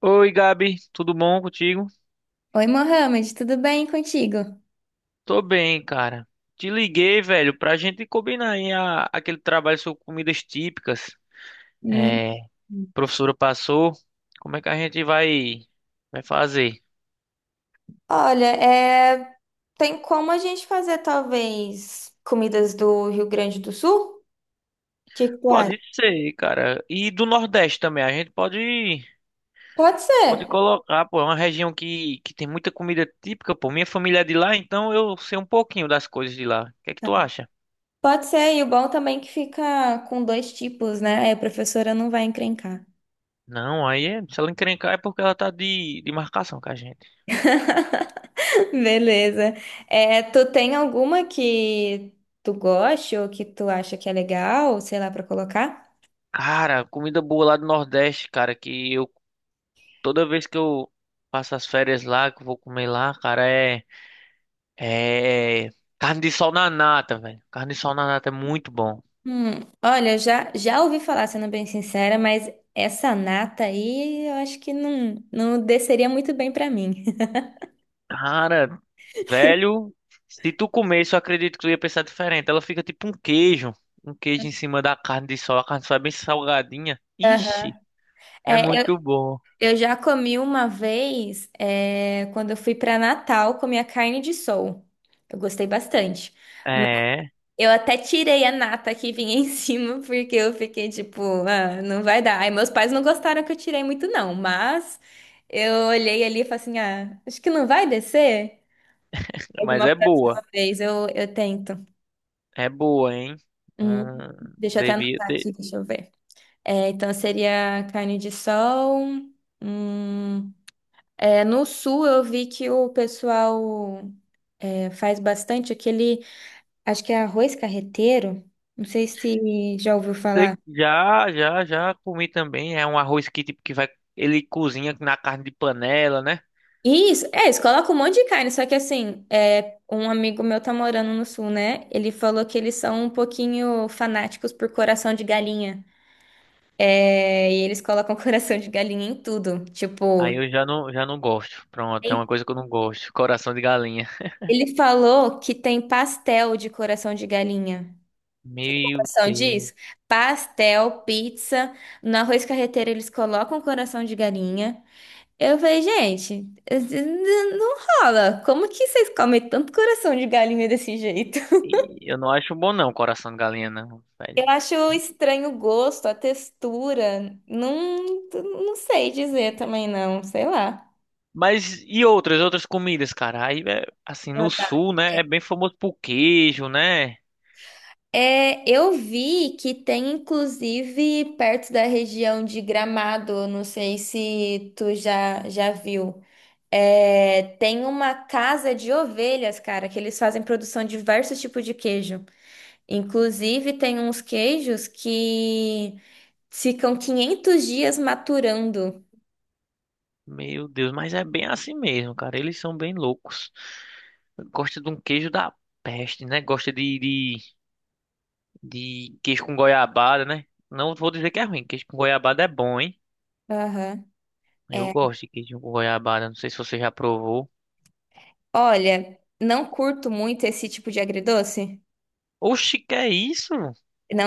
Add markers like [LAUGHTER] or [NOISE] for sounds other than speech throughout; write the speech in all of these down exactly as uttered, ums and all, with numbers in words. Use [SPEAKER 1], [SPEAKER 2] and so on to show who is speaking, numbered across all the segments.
[SPEAKER 1] Oi, Gabi, tudo bom contigo?
[SPEAKER 2] Oi, Mohamed, tudo bem contigo?
[SPEAKER 1] Tô bem, cara. Te liguei, velho, pra gente combinar aí a- aquele trabalho sobre comidas típicas.
[SPEAKER 2] Hum.
[SPEAKER 1] É, a professora passou. Como é que a gente vai vai fazer?
[SPEAKER 2] Olha, é, tem como a gente fazer talvez comidas do Rio Grande do Sul? O que que tu acha?
[SPEAKER 1] Pode ser, cara. E do Nordeste também, a gente pode
[SPEAKER 2] Pode
[SPEAKER 1] pode
[SPEAKER 2] ser,
[SPEAKER 1] colocar, pô, é uma região que que tem muita comida típica, pô. Minha família é de lá, então eu sei um pouquinho das coisas de lá. O que é que tu acha?
[SPEAKER 2] pode ser. E o bom também é que fica com dois tipos, né? Aí a professora não vai encrencar.
[SPEAKER 1] Não, aí é, se ela encrencar é porque ela tá de de marcação com a gente.
[SPEAKER 2] [LAUGHS] Beleza. É, tu tem alguma que tu goste ou que tu acha que é legal, sei lá, pra colocar?
[SPEAKER 1] Cara, comida boa lá do Nordeste, cara, que eu toda vez que eu passo as férias lá, que eu vou comer lá, cara, é é carne de sol na nata, velho. Carne de sol na nata é muito bom.
[SPEAKER 2] Hum, olha, já, já ouvi falar, sendo bem sincera, mas essa nata aí eu acho que não, não desceria muito bem pra mim. [LAUGHS]
[SPEAKER 1] Cara, velho, se tu comesse, eu acredito que tu ia pensar diferente. Ela fica tipo um queijo, um queijo em cima da carne de sol. A carne de sol é bem salgadinha.
[SPEAKER 2] Aham.
[SPEAKER 1] Ixi, é
[SPEAKER 2] É, eu,
[SPEAKER 1] muito bom.
[SPEAKER 2] eu já comi uma vez, é, quando eu fui pra Natal, comi a carne de sol. Eu gostei bastante.
[SPEAKER 1] É,
[SPEAKER 2] Eu até tirei a nata que vinha [LAUGHS] em cima, porque eu fiquei tipo, ah, não vai dar. Aí meus pais não gostaram que eu tirei muito, não, mas eu olhei ali e falei assim, ah, acho que não vai descer. Mas
[SPEAKER 1] mas
[SPEAKER 2] uma
[SPEAKER 1] é boa.
[SPEAKER 2] próxima vez eu, eu tento.
[SPEAKER 1] É boa, hein?
[SPEAKER 2] Hum,
[SPEAKER 1] Hum,
[SPEAKER 2] deixa eu até
[SPEAKER 1] devia
[SPEAKER 2] anotar
[SPEAKER 1] ter.
[SPEAKER 2] aqui, deixa eu ver. É, então seria carne de sol. Hum, é, no sul eu vi que o pessoal é, faz bastante aquele, acho que é arroz carreteiro. Não sei se já ouviu
[SPEAKER 1] Sei-
[SPEAKER 2] falar.
[SPEAKER 1] Já, já, já comi também. É um arroz que tipo que vai, ele cozinha na carne de panela, né?
[SPEAKER 2] Isso, é, eles colocam um monte de carne, só que assim, é, um amigo meu tá morando no sul, né? Ele falou que eles são um pouquinho fanáticos por coração de galinha. É, e eles colocam [LAUGHS] coração de galinha em tudo.
[SPEAKER 1] Aí
[SPEAKER 2] Tipo,
[SPEAKER 1] eu já não, já não gosto. Pronto, é uma coisa que eu não gosto. Coração de galinha.
[SPEAKER 2] ele falou que tem pastel de coração de galinha.
[SPEAKER 1] Meu
[SPEAKER 2] Coração
[SPEAKER 1] Deus.
[SPEAKER 2] disso? Pastel, pizza. No arroz carreteiro eles colocam coração de galinha. Eu falei, gente, não rola. Como que vocês comem tanto coração de galinha desse jeito? [LAUGHS]
[SPEAKER 1] E eu não acho bom não, coração de galinha não, velho.
[SPEAKER 2] Eu acho estranho o gosto, a textura. Não, não sei dizer também, não. Sei lá.
[SPEAKER 1] Mas e outras, outras comidas, cara? Aí, é, assim, no sul, né, é bem famoso por queijo, né?
[SPEAKER 2] É, eu vi que tem inclusive perto da região de Gramado, não sei se tu já, já viu. É, tem uma casa de ovelhas, cara, que eles fazem produção de diversos tipos de queijo. Inclusive, tem uns queijos que ficam quinhentos dias maturando.
[SPEAKER 1] Meu Deus, mas é bem assim mesmo, cara. Eles são bem loucos. Gosta de um queijo da peste, né? Gosta de, de de queijo com goiabada, né? Não vou dizer que é ruim, queijo com goiabada é bom, hein?
[SPEAKER 2] Aham.
[SPEAKER 1] Eu
[SPEAKER 2] É.
[SPEAKER 1] gosto de queijo com goiabada, não sei se você já provou.
[SPEAKER 2] Olha, não curto muito esse tipo de agridoce.
[SPEAKER 1] Oxi, que é isso?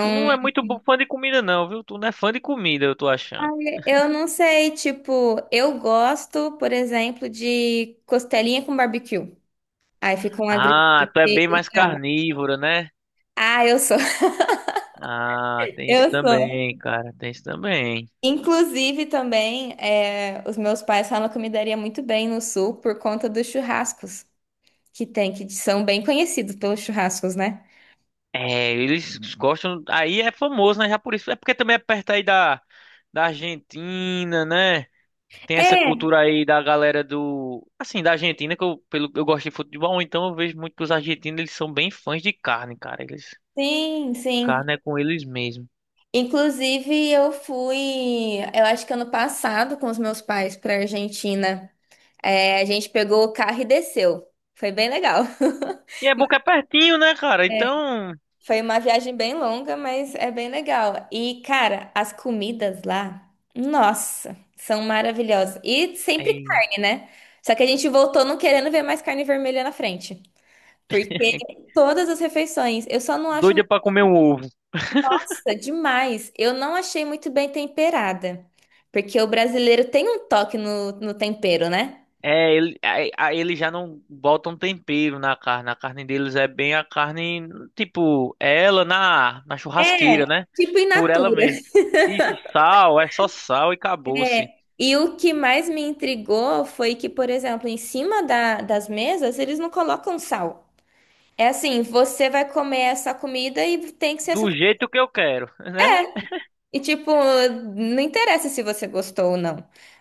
[SPEAKER 1] Tu não é muito bo- fã de comida não, viu? Tu não é fã de comida, eu tô achando.
[SPEAKER 2] Eu não sei, tipo, eu gosto, por exemplo, de costelinha com barbecue. Aí fica um agridoce
[SPEAKER 1] Ah, tu é bem mais
[SPEAKER 2] legal.
[SPEAKER 1] carnívoro, né?
[SPEAKER 2] Ah, eu sou, [LAUGHS]
[SPEAKER 1] Ah, tem isso
[SPEAKER 2] eu sou.
[SPEAKER 1] também, cara, tem isso também.
[SPEAKER 2] Inclusive também, é, os meus pais falam que eu me daria muito bem no sul por conta dos churrascos que tem, que são bem conhecidos pelos churrascos, né?
[SPEAKER 1] É, eles gostam, aí é famoso, né? Já por isso, é porque também é perto aí da da Argentina, né? Tem essa
[SPEAKER 2] É,
[SPEAKER 1] cultura aí da galera do, assim, da Argentina, que eu, pelo, eu gosto de futebol, então eu vejo muito que os argentinos, eles são bem fãs de carne, cara. Eles,
[SPEAKER 2] sim, sim.
[SPEAKER 1] carne é com eles mesmo.
[SPEAKER 2] Inclusive, eu fui, eu acho que ano passado com os meus pais para Argentina. É, a gente pegou o carro e desceu. Foi bem legal. [LAUGHS]
[SPEAKER 1] E é boca é pertinho, né, cara?
[SPEAKER 2] É.
[SPEAKER 1] Então,
[SPEAKER 2] Foi uma viagem bem longa, mas é bem legal. E, cara, as comidas lá, nossa, são maravilhosas. E sempre
[SPEAKER 1] aí,
[SPEAKER 2] carne, né? Só que a gente voltou não querendo ver mais carne vermelha na frente. Porque
[SPEAKER 1] [LAUGHS]
[SPEAKER 2] todas as refeições, eu só não acho,
[SPEAKER 1] doida pra comer um ovo.
[SPEAKER 2] nossa, demais. Eu não achei muito bem temperada. Porque o brasileiro tem um toque no, no tempero, né?
[SPEAKER 1] É, ele, aí, aí eles já não botam tempero na carne. A carne deles é bem a carne, tipo, é ela na, na
[SPEAKER 2] É,
[SPEAKER 1] churrasqueira, né?
[SPEAKER 2] tipo in
[SPEAKER 1] Por ela
[SPEAKER 2] natura.
[SPEAKER 1] mesmo. Isso, sal, é só sal e acabou-se.
[SPEAKER 2] É, e o que mais me intrigou foi que, por exemplo, em cima da- das mesas, eles não colocam sal. É assim, você vai comer essa comida e tem que ser essa.
[SPEAKER 1] Do
[SPEAKER 2] Co-
[SPEAKER 1] jeito que eu quero, [LAUGHS] né?
[SPEAKER 2] e, tipo, não interessa se você gostou ou não.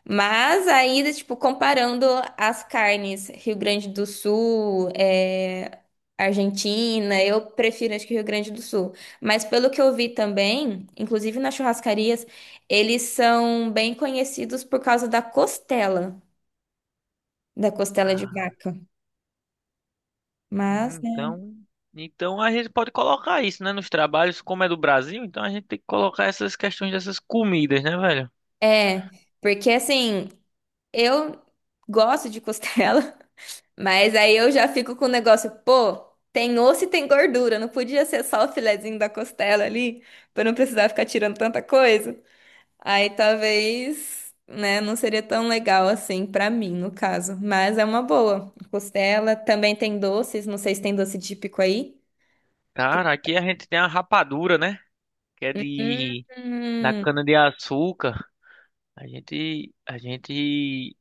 [SPEAKER 2] Mas ainda, tipo, comparando as carnes, Rio Grande do Sul, é, Argentina, eu prefiro, acho que Rio Grande do Sul. Mas pelo que eu vi também, inclusive nas churrascarias, eles são bem conhecidos por causa da costela. Da costela de
[SPEAKER 1] Ah.
[SPEAKER 2] vaca. Mas,
[SPEAKER 1] Hum,
[SPEAKER 2] né?
[SPEAKER 1] então, então a gente pode colocar isso, né, nos trabalhos, como é do Brasil, então a gente tem que colocar essas questões dessas comidas, né, velho?
[SPEAKER 2] É, porque assim, eu gosto de costela, [LAUGHS] mas aí eu já fico com o negócio, pô, tem osso e tem gordura, não podia ser só o filezinho da costela ali, pra não precisar ficar tirando tanta coisa. Aí talvez, né, não seria tão legal assim pra mim, no caso. Mas é uma boa. Costela também tem doces, não sei se tem doce típico aí. Que-
[SPEAKER 1] Cara, aqui a gente tem a rapadura, né, que é de da
[SPEAKER 2] hum,
[SPEAKER 1] cana de açúcar. A gente a gente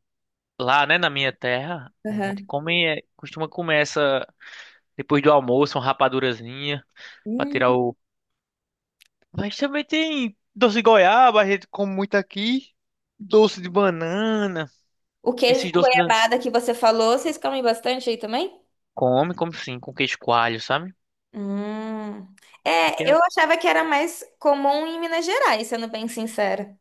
[SPEAKER 1] lá, né, na minha terra, a gente
[SPEAKER 2] aham.
[SPEAKER 1] come é, costuma comer essa depois do almoço, uma rapadurazinha pra tirar
[SPEAKER 2] Hum.
[SPEAKER 1] o. Mas também tem doce de goiaba, a gente come muito aqui, doce de banana,
[SPEAKER 2] O queijo
[SPEAKER 1] esses
[SPEAKER 2] com
[SPEAKER 1] doces.
[SPEAKER 2] goiabada que você falou, vocês comem bastante aí também?
[SPEAKER 1] Come, como sim, com queijo coalho, sabe?
[SPEAKER 2] Hum.
[SPEAKER 1] Aqui
[SPEAKER 2] É, eu
[SPEAKER 1] é,
[SPEAKER 2] achava que era mais comum em Minas Gerais, sendo bem sincera.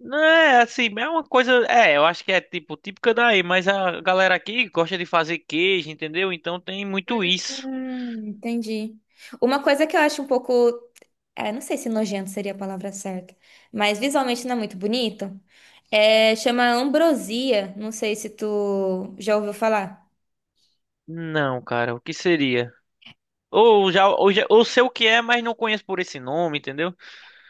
[SPEAKER 1] não é assim, é uma coisa. É, eu acho que é tipo típica daí, mas a galera aqui gosta de fazer queijo, entendeu? Então tem muito isso.
[SPEAKER 2] Hum, entendi. Uma coisa que eu acho um pouco. É, não sei se nojento seria a palavra certa, mas visualmente não é muito bonito. É, chama ambrosia. Não sei se tu já ouviu falar.
[SPEAKER 1] Não, cara, o que seria? Ou já, ou já, ou sei o que é, mas não conheço por esse nome, entendeu?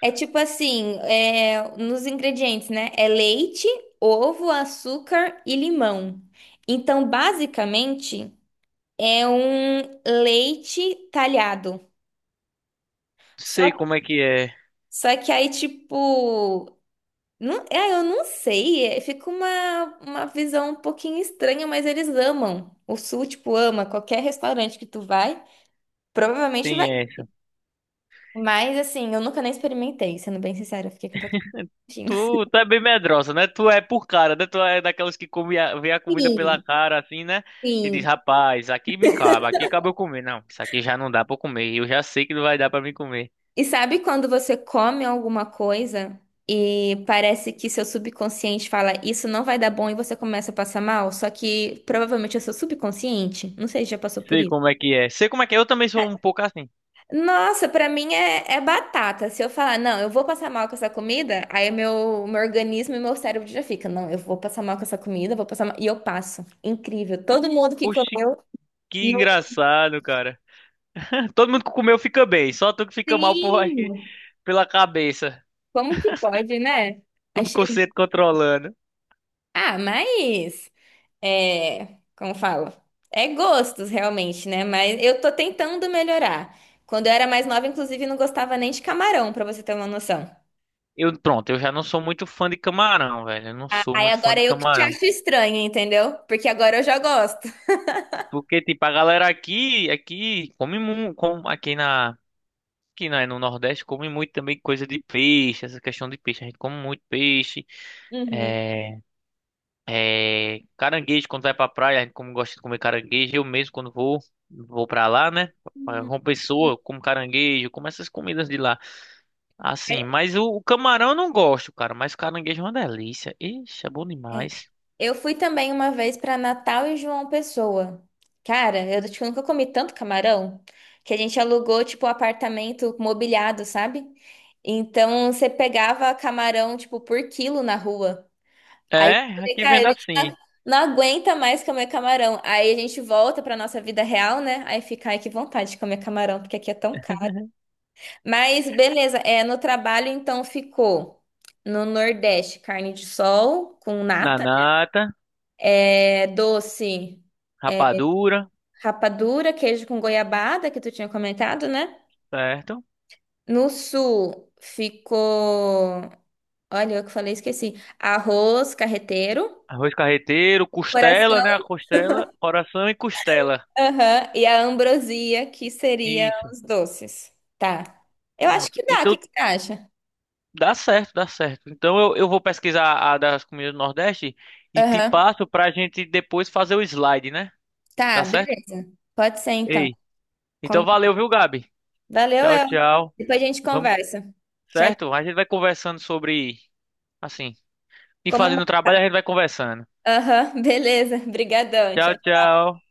[SPEAKER 2] É tipo assim, é, nos ingredientes, né? É leite, ovo, açúcar e limão. Então, basicamente, é um leite talhado. Só,
[SPEAKER 1] Sei como é que é.
[SPEAKER 2] só que aí, tipo, não, é, eu não sei, é, fica uma, uma visão um pouquinho estranha, mas eles amam. O Sul, tipo, ama qualquer restaurante que tu vai, provavelmente
[SPEAKER 1] Tem
[SPEAKER 2] vai.
[SPEAKER 1] essa.
[SPEAKER 2] Mas assim, eu nunca nem experimentei, sendo bem sincera, eu fiquei com um pouquinho.
[SPEAKER 1] Tu,
[SPEAKER 2] [LAUGHS]
[SPEAKER 1] tu é bem medrosa, né? Tu é por cara, né? Tu é daquelas que come a, vê a comida pela
[SPEAKER 2] Sim,
[SPEAKER 1] cara, assim, né? E
[SPEAKER 2] sim.
[SPEAKER 1] diz, rapaz, aqui me cabe, aqui cabe eu comer. Não, isso aqui já não dá pra eu comer. Eu já sei que não vai dar pra mim comer.
[SPEAKER 2] E sabe quando você come alguma coisa e parece que seu subconsciente fala isso não vai dar bom e você começa a passar mal? Só que provavelmente é seu subconsciente. Não sei se já passou por
[SPEAKER 1] Sei
[SPEAKER 2] isso.
[SPEAKER 1] como é que é. Sei como é que é. Eu também sou um pouco assim.
[SPEAKER 2] Nossa, pra mim é, é batata. Se eu falar, não, eu vou passar mal com essa comida, aí meu, meu organismo e meu cérebro já fica, não, eu vou passar mal com essa comida, vou passar mal. E eu passo. Incrível. Todo mundo que
[SPEAKER 1] Oxi,
[SPEAKER 2] comeu.
[SPEAKER 1] que
[SPEAKER 2] Não-
[SPEAKER 1] engraçado, cara. [LAUGHS] Todo mundo que comeu fica bem. Só tu que fica mal por aqui,
[SPEAKER 2] sim!
[SPEAKER 1] pela cabeça.
[SPEAKER 2] Como que pode, né? Achei.
[SPEAKER 1] Subconsciente controlando.
[SPEAKER 2] Ah, mas. É, como falo? É gostos, realmente, né? Mas eu tô tentando melhorar. Quando eu era mais nova, inclusive, não gostava nem de camarão, pra você ter uma noção.
[SPEAKER 1] Eu, pronto, eu já não sou muito fã de camarão, velho. Eu não sou
[SPEAKER 2] Aí
[SPEAKER 1] muito fã
[SPEAKER 2] agora
[SPEAKER 1] de
[SPEAKER 2] eu que te
[SPEAKER 1] camarão.
[SPEAKER 2] acho estranha, entendeu? Porque agora eu já gosto.
[SPEAKER 1] Porque, tipo, a galera aqui, aqui, come muito. Aqui na. Aqui na, no Nordeste come muito também coisa de peixe, essa questão de peixe. A gente come muito peixe.
[SPEAKER 2] Uhum.
[SPEAKER 1] É, é, caranguejo quando vai pra praia, a gente como gosta de comer caranguejo, eu mesmo quando vou, vou pra lá, né? Pra uma pessoa, eu como caranguejo, como essas comidas de lá. Assim,
[SPEAKER 2] É.
[SPEAKER 1] mas o, o camarão eu não gosto, cara, mas o caranguejo é uma delícia. Ixi, é bom
[SPEAKER 2] É.
[SPEAKER 1] demais.
[SPEAKER 2] Eu fui também uma vez pra Natal e João Pessoa. Cara, eu tipo, nunca comi tanto camarão que a gente alugou tipo um apartamento mobiliado, sabe? Então você pegava camarão tipo por quilo na rua. Aí, eu
[SPEAKER 1] É,
[SPEAKER 2] falei,
[SPEAKER 1] aqui
[SPEAKER 2] cara, a
[SPEAKER 1] vendo
[SPEAKER 2] gente tá-
[SPEAKER 1] assim,
[SPEAKER 2] não aguenta mais comer camarão. Aí a gente volta pra nossa vida real, né? Aí fica, ai, que vontade de comer camarão, porque aqui é tão caro. Mas beleza, é, no trabalho então ficou no Nordeste, carne de sol com nata,
[SPEAKER 1] nanata,
[SPEAKER 2] é doce, é,
[SPEAKER 1] rapadura,
[SPEAKER 2] rapadura, queijo com goiabada, que tu tinha comentado, né?
[SPEAKER 1] certo?
[SPEAKER 2] No Sul ficou, olha, eu que falei, esqueci. Arroz carreteiro,
[SPEAKER 1] Arroz carreteiro, costela, né? A costela, coração e costela.
[SPEAKER 2] aham, e a ambrosia, que seria
[SPEAKER 1] Isso,
[SPEAKER 2] os doces. Tá. Eu acho
[SPEAKER 1] pronto.
[SPEAKER 2] que
[SPEAKER 1] E
[SPEAKER 2] dá, o que
[SPEAKER 1] tu.
[SPEAKER 2] que você acha?
[SPEAKER 1] Dá certo, dá certo. Então eu, eu vou pesquisar a das comidas do Nordeste e te
[SPEAKER 2] Aham,
[SPEAKER 1] passo pra gente depois fazer o slide, né?
[SPEAKER 2] tá,
[SPEAKER 1] Dá certo?
[SPEAKER 2] beleza. Pode ser então.
[SPEAKER 1] Ei. Então
[SPEAKER 2] Combi-
[SPEAKER 1] valeu, viu, Gabi?
[SPEAKER 2] valeu,
[SPEAKER 1] Tchau,
[SPEAKER 2] El.
[SPEAKER 1] tchau.
[SPEAKER 2] Depois a gente
[SPEAKER 1] Vamos,
[SPEAKER 2] conversa. Tchau.
[SPEAKER 1] certo? A gente vai conversando sobre, assim, e
[SPEAKER 2] Como...
[SPEAKER 1] fazendo o trabalho a gente vai conversando.
[SPEAKER 2] Aham, [LAUGHS] beleza. Obrigadão.
[SPEAKER 1] Tchau,
[SPEAKER 2] Tchau.
[SPEAKER 1] tchau.